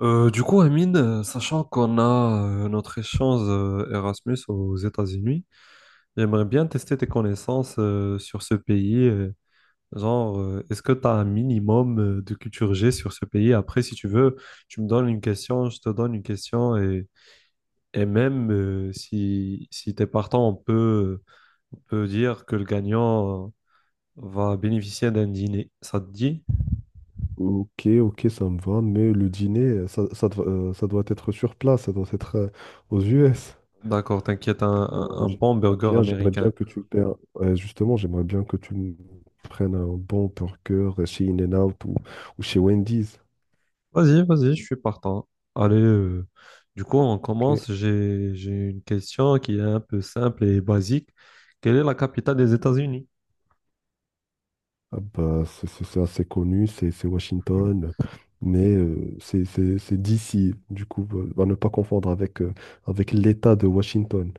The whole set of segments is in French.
Amine, sachant qu'on a notre échange Erasmus aux États-Unis, j'aimerais bien tester tes connaissances sur ce pays. Est-ce que tu as un minimum de culture G sur ce pays? Après, si tu veux, tu me donnes une question, je te donne une question, et même si tu es partant, on peut dire que le gagnant va bénéficier d'un dîner. Ça te dit? Ok, ok, ça me va, mais le dîner, ça doit être sur place, ça doit être aux US. D'accord, t'inquiète, un, un un bon burger J'aimerais bien américain. que tu me Ouais, justement, j'aimerais bien que tu me prennes un bon burger chez In-N-Out ou chez Wendy's. Vas-y, vas-y, je suis partant. Allez, euh, on Ok. commence. J'ai une question qui est un peu simple et basique. Quelle est la capitale des États-Unis? Ah bah, c'est assez connu, c'est Washington, mais c'est d'ici, du coup, à ne pas confondre avec, avec l'État de Washington.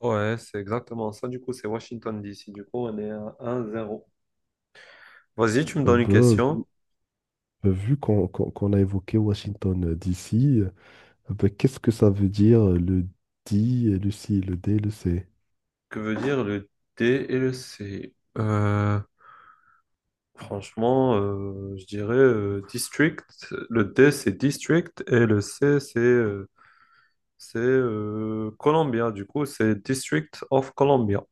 Ouais, c'est exactement ça. Du coup, c'est Washington, D C. Du coup, on est à un zéro. Vas-y, tu me Ah donnes une bah, question. vu qu'on a évoqué Washington d'ici. Ah ben, qu'est-ce que ça veut dire le di, et le si, le d, le c? Que veut dire le D et le C? Euh, Franchement, je dirais district. Le D, c'est district et le C, c'est Columbia. Du coup, c'est District of Columbia.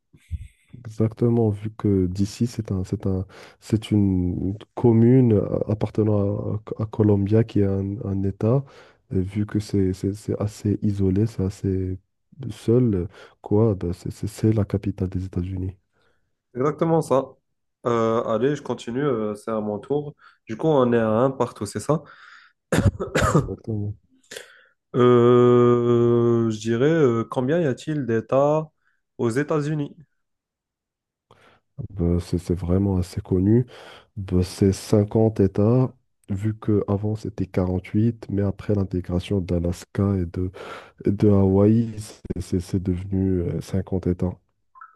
Exactement, vu que d'ici, c'est une commune appartenant à Colombia qui est un État, et vu que c'est assez isolé, c'est assez seul, quoi, ben, c'est la capitale des États-Unis. Exactement ça. Allez, je continue, c'est à mon tour. Du coup, on est à un partout, c'est ça? Exactement. Je dirais, combien y a-t-il d'États aux États-Unis? Ben, c'est vraiment assez connu. Ben, c'est 50 États, vu qu'avant c'était 48 mais après l'intégration d'Alaska et de Hawaï, c'est devenu 50 États.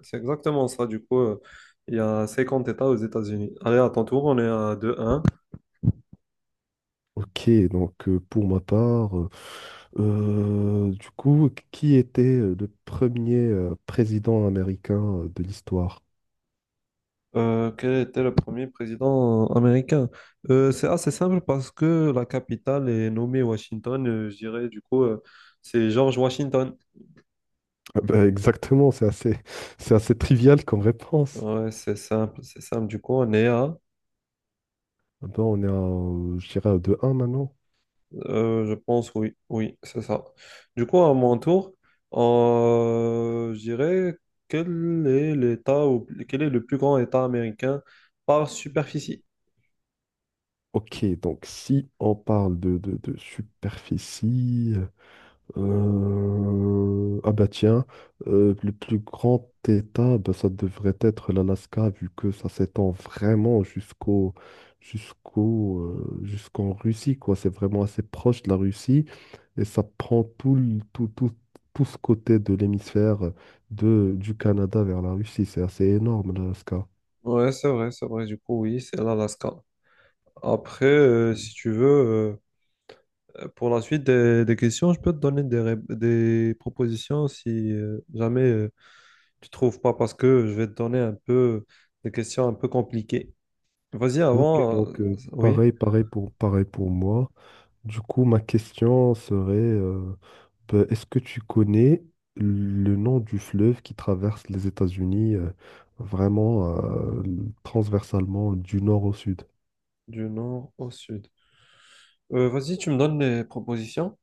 C'est exactement ça, il y a 50 États aux États-Unis. Allez, à ton tour, on est à deux un. Ok, du coup, qui était le premier président américain de l'histoire? Quel était le premier président américain? C'est assez simple parce que la capitale est nommée Washington, je dirais, c'est George Washington. Ah ben, exactement, c'est assez, c'est assez trivial comme réponse. Ouais, c'est simple, du coup, on est à… Ah ben, on est à, je dirais, à deux un maintenant. Je pense, oui, oui, c'est ça. Du coup, à mon tour, je dirais quel est l'État ou quel est le plus grand État américain par superficie? Ok, donc si on parle de superficie. Ah bah tiens, le plus grand état, bah, ça devrait être l'Alaska, vu que ça s'étend vraiment jusqu'au jusqu'en Russie, quoi. C'est vraiment assez proche de la Russie et ça prend tout, tout, tout ce côté de l'hémisphère de du Canada vers la Russie. C'est assez énorme, l'Alaska. Ouais, c'est vrai, c'est vrai. Du coup, oui, c'est l'Alaska. Après, si tu veux, pour la suite des questions, je peux te donner des propositions si jamais tu trouves pas, parce que je vais te donner un peu des questions un peu compliquées. Vas-y, Ok, avant, euh, oui, pareil pour moi. Du coup, ma question serait, ben, est-ce que tu connais le nom du fleuve qui traverse les États-Unis, vraiment, transversalement du nord au sud? du nord au sud. Vas-y, tu me donnes les propositions.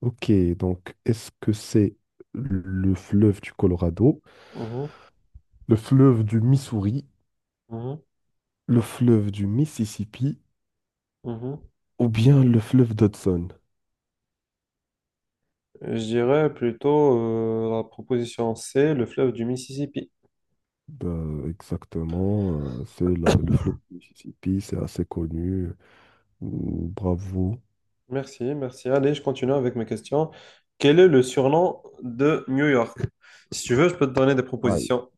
Ok, donc est-ce que c'est le fleuve du Colorado, Mhm, le fleuve du Missouri, mhm, le fleuve du Mississippi mhm. ou bien le fleuve d'Hudson? Je dirais plutôt la proposition C, le fleuve du Mississippi. Ben, exactement, le fleuve du Mississippi, c'est assez connu. Bravo. Merci, merci. Allez, je continue avec mes questions. Quel est le surnom de New York? Si tu veux, je peux te donner des propositions.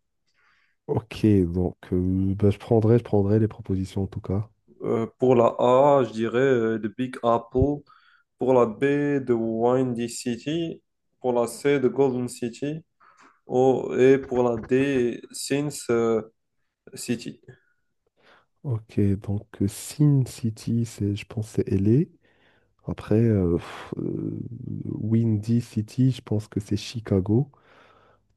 Ok, bah, je prendrai les propositions en tout cas. Pour la A, je dirais The Big Apple. Pour la B, The Windy City. Pour la C, The Golden City. Oh, et pour la D, Sins City. Ok, Sin City, c'est, je pense que c'est LA. Après, Windy City, je pense que c'est Chicago.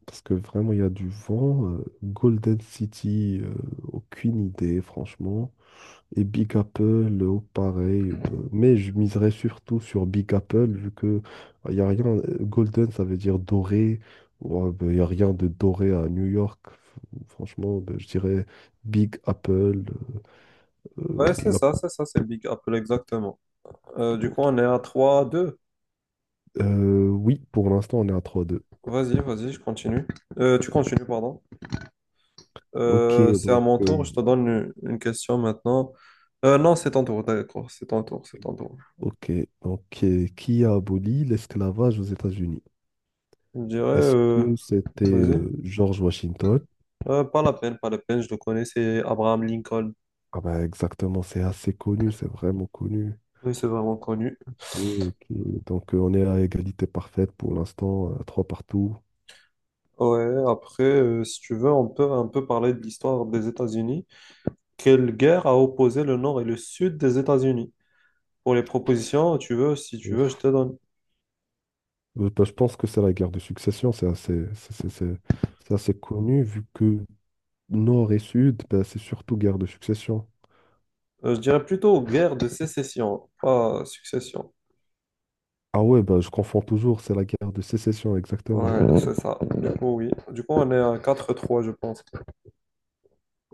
Parce que vraiment, il y a du vent. Golden City, aucune idée, franchement. Et Big Apple, pareil. Bah, mais je miserais surtout sur Big Apple, vu que il n'y a rien. Golden, ça veut dire doré. Il n'y a rien de doré à New York. Franchement, bah, je dirais Big Apple. Ouais, euh, c'est la- ça, c'est ça, c'est Big Apple, exactement. Du coup, on est Ok. à 3-2. Oui, pour l'instant, on est à trois deux. Vas-y, vas-y, je continue. Tu continues, pardon. Ok, C'est à mon tour, je te donne une question maintenant. Non, c'est ton tour, d'accord, c'est ton tour, c'est ton tour. ok, qui a aboli l'esclavage aux États-Unis? Je dirais, Est-ce que c'était vas-y. George Washington? Pas la peine, pas la peine, je le connais, c'est Abraham Lincoln. Ah ben, exactement, c'est assez connu, c'est vraiment connu. Oui, c'est vraiment connu. Ok, ok. Donc, on est à égalité parfaite pour l'instant, trois partout. Ouais, après, si tu veux, on peut un peu parler de l'histoire des États-Unis. Quelle guerre a opposé le nord et le sud des États-Unis? Pour les propositions, tu veux, si tu Euh, veux, je te donne. Bah, je pense que c'est la guerre de succession, c'est assez, c'est assez connu vu que Nord et Sud, bah, c'est surtout guerre de succession. Je dirais plutôt guerre de sécession, pas succession. Ah ouais, bah, je confonds toujours, c'est la guerre de sécession, exactement. Ouais, c'est ça. Du coup, oui. Du coup, on est à 4-3 je pense.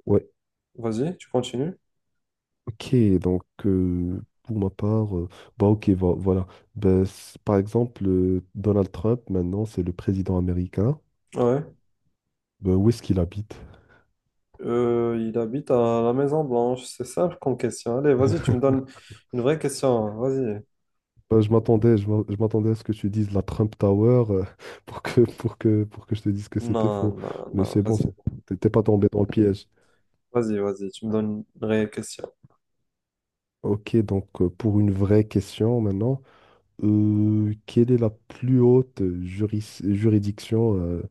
Ouais, Vas-y, tu continues. ok, donc euh, pour ma part, euh, bah ok, voilà. Bah, par exemple, Donald Trump, maintenant, c'est le président américain. Ouais. Bah, où est-ce qu'il habite? Il habite à la Maison Blanche. C'est simple comme question. Allez, vas-y, tu me donnes une vraie question. Vas-y. Bah, je m'attendais à ce que tu dises la Trump Tower pour que, pour que, pour que je te dise que c'était faux. Non, non, Mais non, c'est bon, vas-y. c'est bon. T'es pas tombé dans le piège. Vas-y, vas-y, tu me donnes une vraie question. Ok, pour une vraie question maintenant, quelle est la plus haute juridiction euh,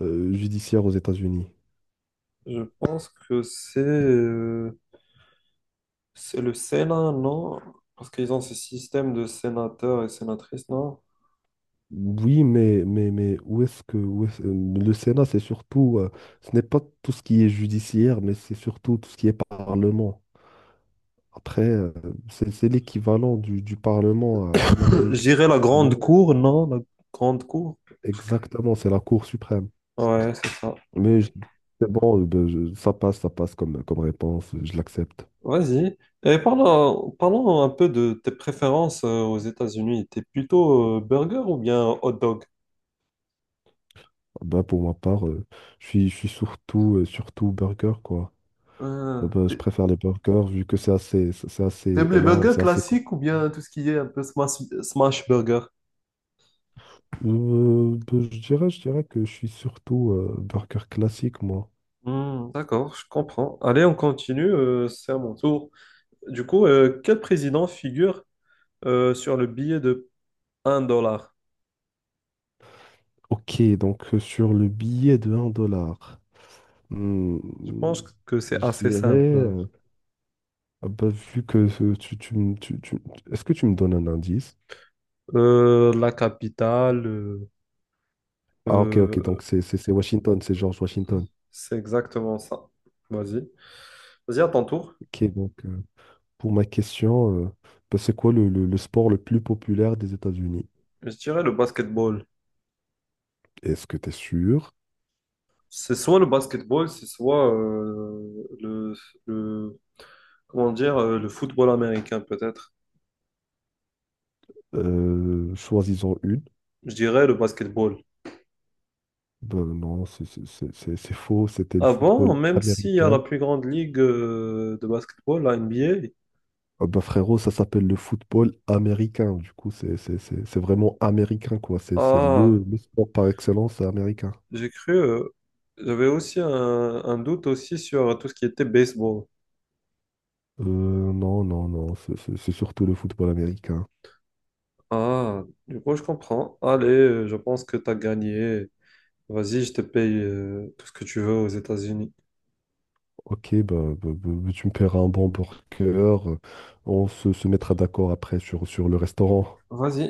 euh, judiciaire aux États-Unis? Je pense que c'est le Sénat, non? Parce qu'ils ont ce système de sénateurs et sénatrices, non? Oui, mais le Sénat, c'est surtout, ce n'est pas tout ce qui est judiciaire, mais c'est surtout tout ce qui est parlement. Après, c'est l'équivalent du Parlement en Amérique. J'irais la Mais grande cour, non? La grande cour. exactement, c'est la Cour suprême. Ouais, c'est ça. Mais je- c'est bon, ça passe, comme, comme réponse, je l'accepte. Vas-y. Et parlons, parlons un peu de tes préférences aux États-Unis. T'es plutôt burger ou bien hot dog? Ben, pour ma part, je suis surtout, surtout burger, quoi. Euh, Ben, t'a- je préfère les burgers vu que c'est assez, c'est assez T'aimes les énorme, burgers c'est assez con. classiques ou bien tout ce qui est un peu smash burger? Ben, je dirais que je suis surtout burger classique, moi. Hmm, d'accord, je comprends. Allez, on continue, c'est à mon tour. Du coup, quel président figure sur le billet de 1 dollar? Ok, sur le billet de un dollar. Hmm, Je pense que c'est je assez dirais, simple. euh, ah bah, vu que ce- tu, me- tu- est-ce que tu me donnes un indice? La capitale, Ah ok, ok, euh, donc c'est Washington, c'est George Washington. c'est exactement ça. Vas-y. Vas-y, à ton tour. Ok, pour ma question, bah, c'est quoi le sport le plus populaire des États-Unis? Je dirais le basketball. Est-ce que tu es sûr? C'est soit le basketball, c'est soit le- comment dire, le football américain, peut-être. Choisissons une. Je dirais le basketball. Ben non, c'est faux, c'était le Avant, football même s'il y a américain. la plus grande ligue de basketball, la NBA, Ah bah frérot, ça s'appelle le football américain. Du coup, c'est vraiment américain, quoi. C'est ah, le sport par excellence américain. j'ai cru, j'avais aussi un doute aussi sur tout ce qui était baseball. Euh, non, c'est surtout le football américain. Ah, du coup, je comprends. Je pense que tu as gagné. Vas-y, je te paye tout ce que tu veux aux États-Unis. Ok, bah, bah, tu me paieras un bon burger. On se mettra d'accord après sur le restaurant. Vas-y.